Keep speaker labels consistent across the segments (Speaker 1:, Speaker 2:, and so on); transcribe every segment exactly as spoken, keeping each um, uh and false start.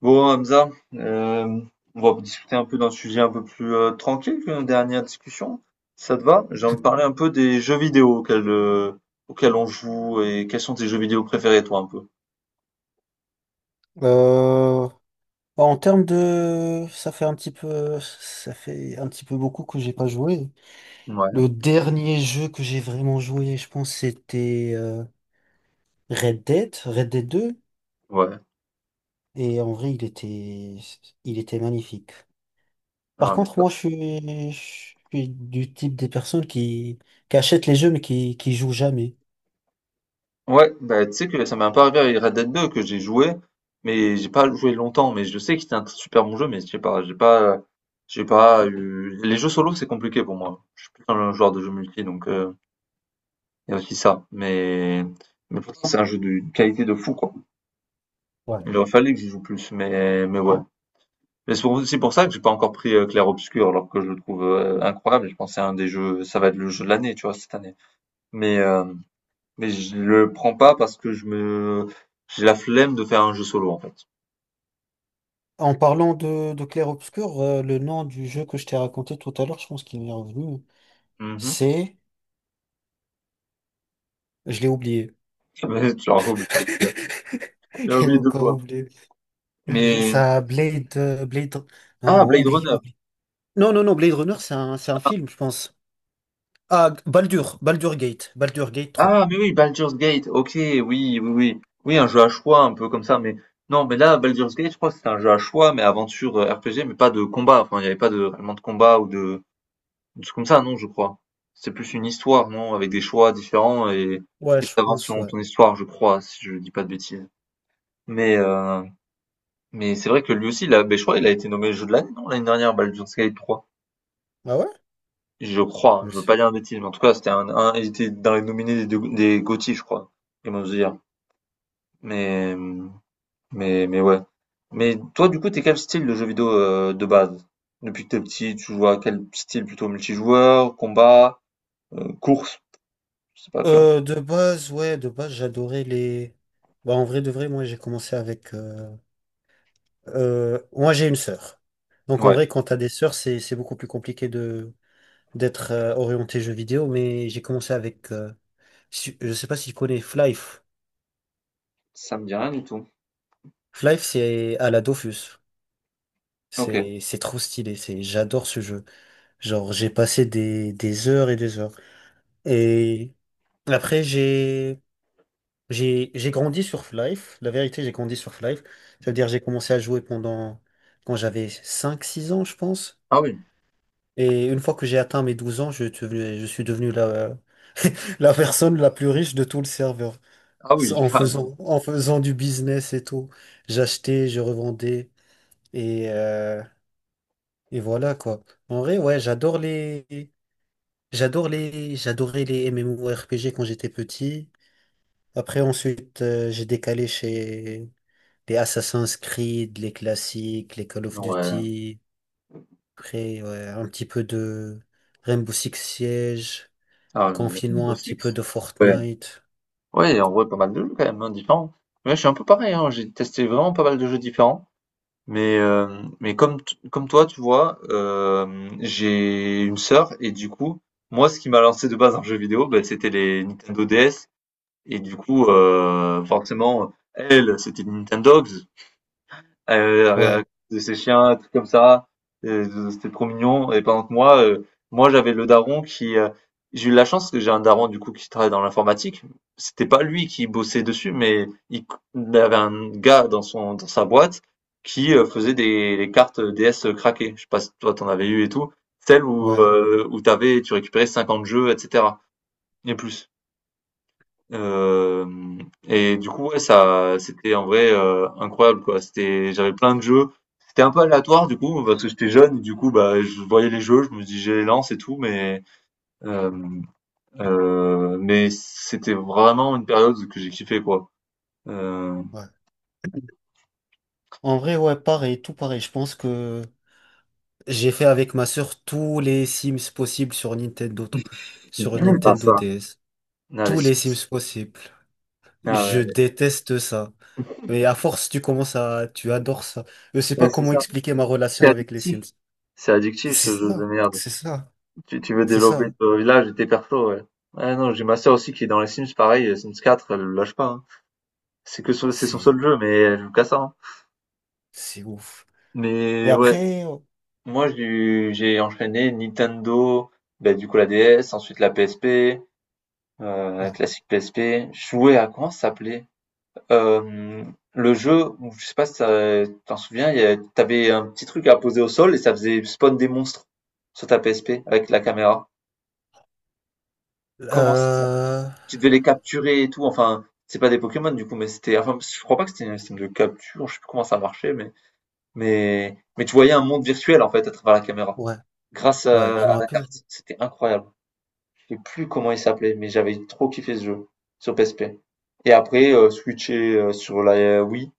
Speaker 1: Bon, Hamza, euh, on va discuter un peu d'un sujet un peu plus euh, tranquille que nos dernières discussions. Ça te va? J'ai envie de parler un peu des jeux vidéo auxquels, euh, auxquels on joue et quels sont tes jeux vidéo préférés, toi, un peu.
Speaker 2: Euh, Bah, en termes de, ça fait un petit peu, ça fait un petit peu beaucoup que j'ai pas joué.
Speaker 1: Ouais,
Speaker 2: Le dernier jeu que j'ai vraiment joué, je pense, c'était euh, Red Dead, Red Dead deux.
Speaker 1: ouais.
Speaker 2: Et en vrai, il était, il était magnifique. Par
Speaker 1: Ah, mais
Speaker 2: contre,
Speaker 1: ça-
Speaker 2: moi, je suis, je suis du type des personnes qui, qui achètent les jeux mais qui, qui jouent jamais.
Speaker 1: Ouais, bah, tu sais que ça m'est un peu arrivé avec Red Dead deux que j'ai joué, mais j'ai pas joué longtemps, mais je sais que c'était un super bon jeu, mais je sais pas, j'ai pas, j'ai pas eu. Les jeux solo, c'est compliqué pour moi. Je suis plus un joueur de jeux multi, donc, euh, il y a aussi ça, mais, mais pourtant c'est un jeu d'une qualité de fou quoi.
Speaker 2: Voilà.
Speaker 1: Il aurait fallu que j'y joue plus, mais mais ouais. Mais c'est pour, c'est pour ça que j'ai pas encore pris euh, Clair Obscur alors que je le trouve euh, incroyable. Et je pense que c'est un des jeux, ça va être le jeu de l'année tu vois cette année. Mais euh, mais je le prends pas parce que je me j'ai la flemme de faire un jeu solo en fait.
Speaker 2: En parlant de, de Clair-Obscur, euh, le nom du jeu que je t'ai raconté tout à l'heure, je pense qu'il m'est revenu.
Speaker 1: Mhm.
Speaker 2: C'est, je l'ai oublié.
Speaker 1: tu l'as oublié, tu l'as
Speaker 2: J'ai
Speaker 1: oublié deux
Speaker 2: encore
Speaker 1: fois.
Speaker 2: oublié. Je-
Speaker 1: Mais
Speaker 2: Ça, Blade, euh, Blade.
Speaker 1: ah
Speaker 2: Non,
Speaker 1: Blade
Speaker 2: oublie,
Speaker 1: Runner.
Speaker 2: oublie. Non, non, non, Blade Runner, c'est un, c'est un film, je pense. Ah, Baldur, Baldur Gate, Baldur Gate trois.
Speaker 1: Ah, mais oui, Baldur's Gate, ok, oui, oui, oui. Oui, un jeu à choix, un peu comme ça, mais non, mais là, Baldur's Gate, je crois que c'était un jeu à choix, mais aventure euh, R P G, mais pas de combat. Enfin, il n'y avait pas de, réellement de combat ou de, de trucs comme ça, non, je crois. C'est plus une histoire, non, avec des choix différents et
Speaker 2: Ouais,
Speaker 1: et
Speaker 2: je
Speaker 1: t'avances
Speaker 2: pense,
Speaker 1: sur
Speaker 2: ouais.
Speaker 1: ton histoire, je crois, si je dis pas de bêtises. Mais euh, mais c'est vrai que lui aussi, là, ben, je crois, il a été nommé jeu de l'année, non, l'année dernière, Baldur's Gate trois.
Speaker 2: Ah ouais?
Speaker 1: Je crois,
Speaker 2: Je
Speaker 1: je veux
Speaker 2: sais.
Speaker 1: pas dire de bêtises, mais en tout cas, c'était un, un- il était dans les nominés des, des GOTY, je crois. Comment dire. Mais, mais, mais ouais. Mais toi, du coup, t'es quel style de jeu vidéo euh, de base? Depuis que t'es petit, tu joues à quel style? Plutôt multijoueur, combat, euh, course? Je sais pas, tu vois.
Speaker 2: Euh, de base, ouais, de base, j'adorais les. Bah, en vrai, de vrai, moi, j'ai commencé avec. Euh, euh, moi, j'ai une sœur. Donc, en
Speaker 1: Ouais.
Speaker 2: vrai, quand t'as des sœurs, c'est, c'est beaucoup plus compliqué de d'être euh, orienté jeu vidéo, mais j'ai commencé avec. Euh, si- je sais pas si tu connais Flife.
Speaker 1: Ça me dit rien du tout.
Speaker 2: Half-Life, c'est à la Dofus.
Speaker 1: Ok.
Speaker 2: C'est, c'est trop stylé. C'est, j'adore ce jeu. Genre, j'ai passé des, des heures et des heures. Et après, j'ai, j'ai, j'ai grandi sur Half-Life. La vérité, j'ai grandi sur Half-Life. Ça veut dire, j'ai commencé à jouer pendant, quand j'avais cinq six ans, je pense.
Speaker 1: Ah oui.
Speaker 2: Et une fois que j'ai atteint mes douze ans, je, suis devenu- je suis devenu la, la personne la plus riche de tout le serveur.
Speaker 1: Ah oui,
Speaker 2: En
Speaker 1: carrément.
Speaker 2: faisant, en faisant du business et tout. J'achetais, je revendais. Et, euh, Et voilà quoi. En vrai, ouais, j'adore les, j'adore les, j'adorais les MMORPG quand j'étais petit. Après, ensuite, euh, j'ai décalé chez les Assassin's Creed, les classiques, les Call of
Speaker 1: Ouais.
Speaker 2: Duty. Après, ouais, un petit peu de Rainbow Six Siege,
Speaker 1: Ah, oui,
Speaker 2: confinement,
Speaker 1: Rainbow
Speaker 2: un petit peu
Speaker 1: Six.
Speaker 2: de
Speaker 1: Ouais.
Speaker 2: Fortnite.
Speaker 1: Ouais, en vrai, pas mal de jeux quand même, hein, différents. Mais je suis un peu pareil, hein. J'ai testé vraiment pas mal de jeux différents. Mais, euh, mais comme, t- comme toi, tu vois, euh, j'ai une sœur et du coup, moi, ce qui m'a lancé de base dans jeu vidéo, ben, c'était les Nintendo D S. Et du coup, euh, forcément, elle, c'était les Nintendogs, heu,
Speaker 2: Ouais,
Speaker 1: de ses chiens, un truc comme ça, heu, c'était trop mignon et pendant que moi, heu, moi j'avais le daron qui, heu, j'ai eu la chance que j'ai un daron du coup qui travaille dans l'informatique. C'était pas lui qui bossait dessus, mais il il avait un gars dans son dans sa boîte qui, heu, faisait des les cartes D S craquées. Je sais pas si toi t'en avais eu et tout, celles où,
Speaker 2: ouais,
Speaker 1: heu, où t'avais tu récupérais cinquante jeux et cetera et plus. Hem, et du coup, ouais, ça, c'était en vrai, heu, incroyable, quoi. C'était j'avais plein de jeux. C'était un peu aléatoire, du coup, parce que j'étais jeune, et du coup, bah, je voyais les jeux, je me dis: «Je les lance et tout», mais, hem, heu, mais c'était vraiment une période que j'ai kiffé, quoi. Heu,
Speaker 2: ouais. En vrai, ouais, pareil, tout pareil. Je pense que j'ai fait avec ma sœur tous les Sims possibles sur Nintendo,
Speaker 1: c'est
Speaker 2: sur
Speaker 1: dingue ça.
Speaker 2: Nintendo D S.
Speaker 1: Non, les.
Speaker 2: Tous les Sims possibles.
Speaker 1: Ah
Speaker 2: Je
Speaker 1: ouais,
Speaker 2: déteste ça. Mais à force, tu commences à, tu adores ça. Je sais
Speaker 1: ouais,
Speaker 2: pas
Speaker 1: c'est
Speaker 2: comment
Speaker 1: ça.
Speaker 2: expliquer ma
Speaker 1: C'est
Speaker 2: relation avec les
Speaker 1: addictif.
Speaker 2: Sims.
Speaker 1: C'est addictif
Speaker 2: C'est
Speaker 1: ce jeu de
Speaker 2: ça,
Speaker 1: merde.
Speaker 2: c'est ça,
Speaker 1: Tu tu veux
Speaker 2: c'est
Speaker 1: développer
Speaker 2: ça.
Speaker 1: ton village et tes persos, ouais. Ouais, non, j'ai ma sœur aussi qui est dans les Sims, pareil, Sims quatre, elle le lâche pas, hein. C'est que son c'est son
Speaker 2: C'est,
Speaker 1: seul jeu, mais elle joue qu'à ça, hein.
Speaker 2: c'est ouf. Et
Speaker 1: Mais ouais,
Speaker 2: après, ouais.
Speaker 1: moi j'ai j'ai enchaîné Nintendo, bah, du coup la D S, ensuite la P S P, euh, la classique P S P. Je jouais à comment ça s'appelait? Euh, le jeu, où- je sais pas si ça- t'en souviens, il y a- t'avais un petit truc à poser au sol et ça faisait spawn des monstres sur ta P S P avec la caméra. Comment ça s'appelle.
Speaker 2: Euh,
Speaker 1: Tu devais les capturer et tout. Enfin, c'est pas des Pokémon du coup, mais c'était. Enfin, je crois pas que c'était un système de capture. Je sais plus comment ça marchait, mais. Mais, mais tu voyais un monde virtuel en fait à travers la caméra,
Speaker 2: ouais,
Speaker 1: grâce
Speaker 2: ouais, je
Speaker 1: à,
Speaker 2: me
Speaker 1: à la
Speaker 2: rappelle.
Speaker 1: carte. C'était incroyable. Je sais plus comment il s'appelait, mais j'avais trop kiffé ce jeu sur P S P. Et après, euh, switcher euh, sur la euh, Wii,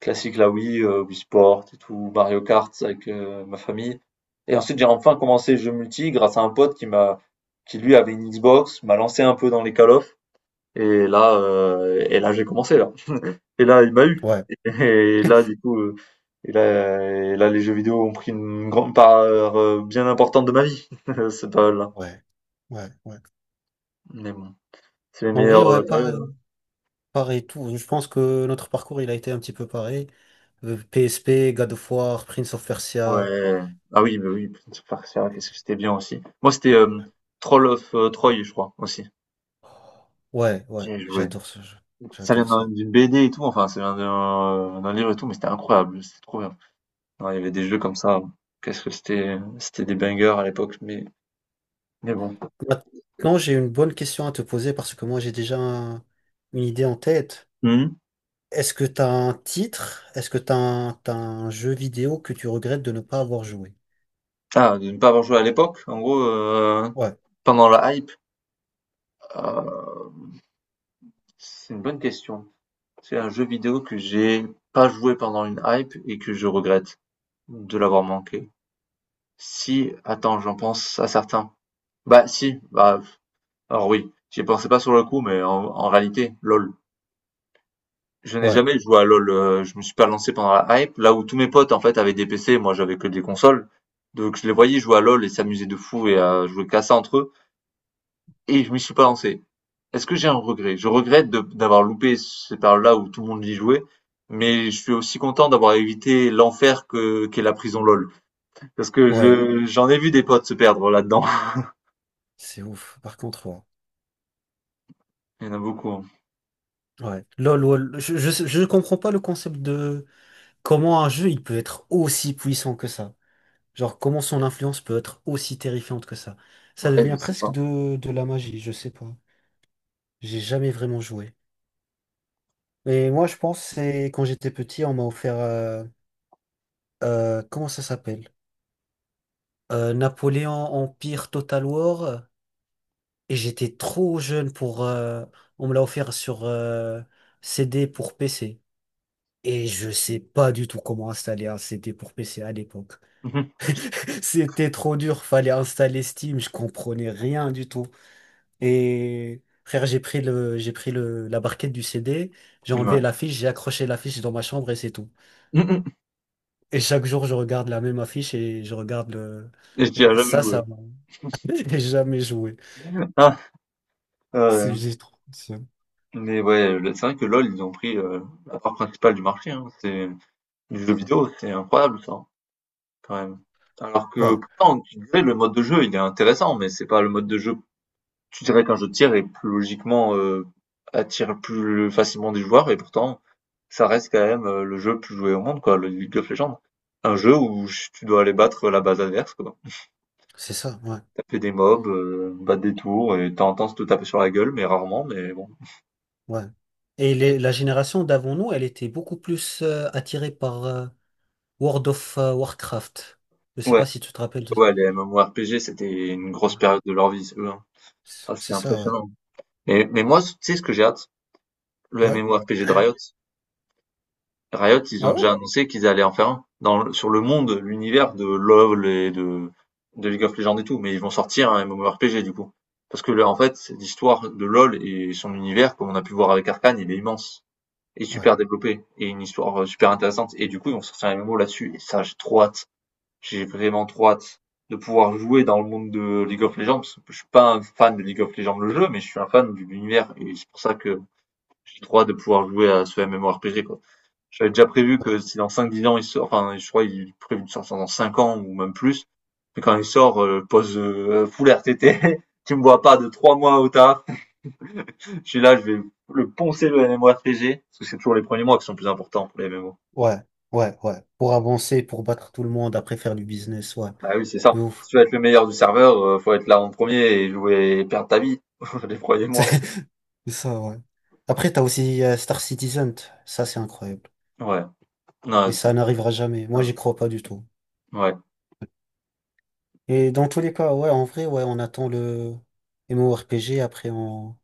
Speaker 1: classique la Wii, euh, Wii Sport et tout, Mario Kart avec euh, ma famille. Et ensuite, j'ai enfin commencé le jeu multi grâce à un pote qui m'a, qui lui avait une Xbox, m'a lancé un peu dans les Call of. Et là, euh, et là, j'ai commencé là. Et là, il m'a eu.
Speaker 2: Ouais,
Speaker 1: Et et là, du coup, heu, et là et là, les jeux vidéo ont pris une grande part, heu, bien importante de ma vie, C'est pas là.
Speaker 2: ouais, ouais, ouais.
Speaker 1: Mais bon, c'est les
Speaker 2: En vrai,
Speaker 1: meilleures,
Speaker 2: ouais,
Speaker 1: heu, périodes,
Speaker 2: pareil,
Speaker 1: hein.
Speaker 2: pareil tout. Je pense que notre parcours, il a été un petit peu pareil. Euh, P S P, God of War, Prince of Persia.
Speaker 1: Ouais. Ah oui, bah oui, Prince of Persia, qu'est-ce que c'était bien aussi. Moi, c'était, hem, Troll of, heu, Troy, je crois, aussi.
Speaker 2: Ouais,
Speaker 1: J'y
Speaker 2: ouais,
Speaker 1: ai joué.
Speaker 2: j'adore ce jeu.
Speaker 1: Ça vient
Speaker 2: J'adore
Speaker 1: d'un
Speaker 2: ça.
Speaker 1: d'une B D et tout, enfin, ça vient d'un euh, d'un livre et tout, mais c'était incroyable, c'était trop bien. Ouais, il y avait des jeux comme ça, qu'est-ce que c'était, c'était des bangers à l'époque, mais mais bon.
Speaker 2: Maintenant, j'ai une bonne question à te poser parce que moi, j'ai déjà un- une idée en tête.
Speaker 1: Mmh.
Speaker 2: Est-ce que t'as un titre? Est-ce que t'as un, t'as un jeu vidéo que tu regrettes de ne pas avoir joué?
Speaker 1: Ah, de ne pas avoir joué à l'époque, en gros, heu
Speaker 2: Ouais,
Speaker 1: pendant la hype? Heu, c'est une bonne question. C'est un jeu vidéo que j'ai pas joué pendant une hype et que je regrette de l'avoir manqué. Si, attends, j'en pense à certains. Bah si, bah, alors oui, j'y pensais pas sur le coup, mais en en réalité, LoL. Je n'ai
Speaker 2: ouais,
Speaker 1: jamais joué à LoL, heu, je me suis pas lancé pendant la hype, là où tous mes potes, en fait, avaient des P C, moi j'avais que des consoles. Donc je les voyais jouer à LoL et s'amuser de fou et à jouer qu'à ça entre eux et je m'y suis pas lancé. Est-ce que j'ai un regret? Je regrette de- d'avoir loupé cette période-là où tout le monde y jouait, mais je suis aussi content d'avoir évité l'enfer que qu'est la prison LOL. Parce que
Speaker 2: ouais.
Speaker 1: je j'en ai vu des potes se perdre là-dedans.
Speaker 2: C'est ouf. Par contre, ouais.
Speaker 1: Il y en a beaucoup, hein.
Speaker 2: Ouais. LOL, lol. Je, je, je comprends pas le concept de comment un jeu, il peut être aussi puissant que ça. Genre, comment son influence peut être aussi terrifiante que ça. Ça
Speaker 1: Ouais, je
Speaker 2: devient
Speaker 1: sais
Speaker 2: presque
Speaker 1: pas.
Speaker 2: de, de la magie, je sais pas. J'ai jamais vraiment joué. Et moi, je pense, c'est quand j'étais petit, on m'a offert. Euh, euh, comment ça s'appelle? Euh, Napoléon Empire Total War. euh, Et j'étais trop jeune pour. Euh, on me l'a offert sur euh, C D pour P C. Et je sais pas du tout comment installer un C D pour P C à l'époque. C'était trop dur, fallait installer Steam, je comprenais rien du tout. Et frère, j'ai pris le, j'ai pris le, la barquette du C D, j'ai
Speaker 1: Mhm. Ouais.
Speaker 2: enlevé l'affiche, j'ai accroché l'affiche dans ma chambre et c'est tout.
Speaker 1: Mhm.
Speaker 2: Et chaque jour, je regarde la même affiche et je regarde le.
Speaker 1: Et je n'y ai jamais
Speaker 2: Ça, ça
Speaker 1: joué.
Speaker 2: J'ai jamais joué.
Speaker 1: Ah,
Speaker 2: C'est
Speaker 1: euh,
Speaker 2: j'ai trop. c'est-
Speaker 1: mais ouais, le- c'est vrai que LOL, ils ont pris euh, la part principale du marché. Hein. C'est du jeu vidéo, c'est incroyable ça, quand même. Alors que
Speaker 2: Ouais,
Speaker 1: pourtant, tu disais, le mode de jeu, il est intéressant, mais c'est pas le mode de jeu. Tu dirais qu'un jeu de tir est plus logiquement, heu, attire plus facilement des joueurs et pourtant, ça reste quand même, heu, le jeu plus joué au monde quoi, le League of Legends. Un jeu où ch tu dois aller battre la base adverse quoi.
Speaker 2: c'est ça, ouais,
Speaker 1: Taper des mobs, heu, battre des tours et t'as tendance de temps en temps se te taper sur la gueule, mais rarement, mais bon.
Speaker 2: ouais. Et les- la génération d'avant nous, elle était beaucoup plus euh, attirée par euh, World of euh, Warcraft. Je sais
Speaker 1: Ouais,
Speaker 2: pas si tu te rappelles de.
Speaker 1: ouais, les MMORPG, c'était une grosse
Speaker 2: Ouais,
Speaker 1: période de leur vie, ceux-là.
Speaker 2: C'est
Speaker 1: Ça, c'est
Speaker 2: c'est ça, ouais.
Speaker 1: impressionnant. Mais mais moi, tu sais ce que j'ai hâte? Le
Speaker 2: Ouais?
Speaker 1: MMORPG de Riot. Riot, ils ont
Speaker 2: Ah ouais?
Speaker 1: déjà annoncé qu'ils allaient en faire un dans, le- sur le monde, l'univers de LoL et de, de League of Legends et tout, mais ils vont sortir un MMORPG du coup. Parce que là, en fait, l'histoire de LoL et son univers, comme on a pu voir avec Arcane, il est immense et
Speaker 2: Ouais,
Speaker 1: super développé et une histoire euh, super intéressante. Et du coup, ils vont sortir un M M O là-dessus. Et ça, j'ai trop hâte. J'ai vraiment trop hâte de pouvoir jouer dans le monde de League of Legends. Parce que je suis pas un fan de League of Legends le jeu, mais je suis un fan de l'univers et c'est pour ça que j'ai trop hâte de pouvoir jouer à ce MMORPG quoi. J'avais déjà prévu
Speaker 2: ouais,
Speaker 1: que si dans cinq dix ans il sort, enfin je crois il est prévu de sortir dans cinq ans ou même plus, mais quand il sort, euh, pose euh, full R T T, tu me vois pas de trois mois au taf, je suis là, je vais le poncer le MMORPG, parce que c'est toujours les premiers mois qui sont plus importants pour les M M O.
Speaker 2: ouais, ouais, ouais. Pour avancer, pour battre tout le monde, après faire du business, ouais.
Speaker 1: Ah oui, c'est ça.
Speaker 2: De
Speaker 1: Si
Speaker 2: ouf.
Speaker 1: tu veux être le meilleur du serveur, euh, faut être là en premier et jouer et perdre ta vie les premiers
Speaker 2: C'est
Speaker 1: mois.
Speaker 2: c'est ça, ouais. Après, t'as aussi euh, Star Citizen. Ça, c'est incroyable.
Speaker 1: Ouais,
Speaker 2: Mais
Speaker 1: non,
Speaker 2: ça n'arrivera jamais. Moi,
Speaker 1: euh,
Speaker 2: j'y crois pas du tout.
Speaker 1: ouais,
Speaker 2: Et dans tous les cas, ouais, en vrai, ouais, on attend le MMORPG, après on,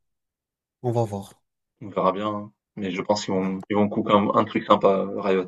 Speaker 2: on va voir.
Speaker 1: on verra bien, hein. Mais je pense qu'ils vont,
Speaker 2: Ouais.
Speaker 1: ils vont couper un, un truc sympa, Riot.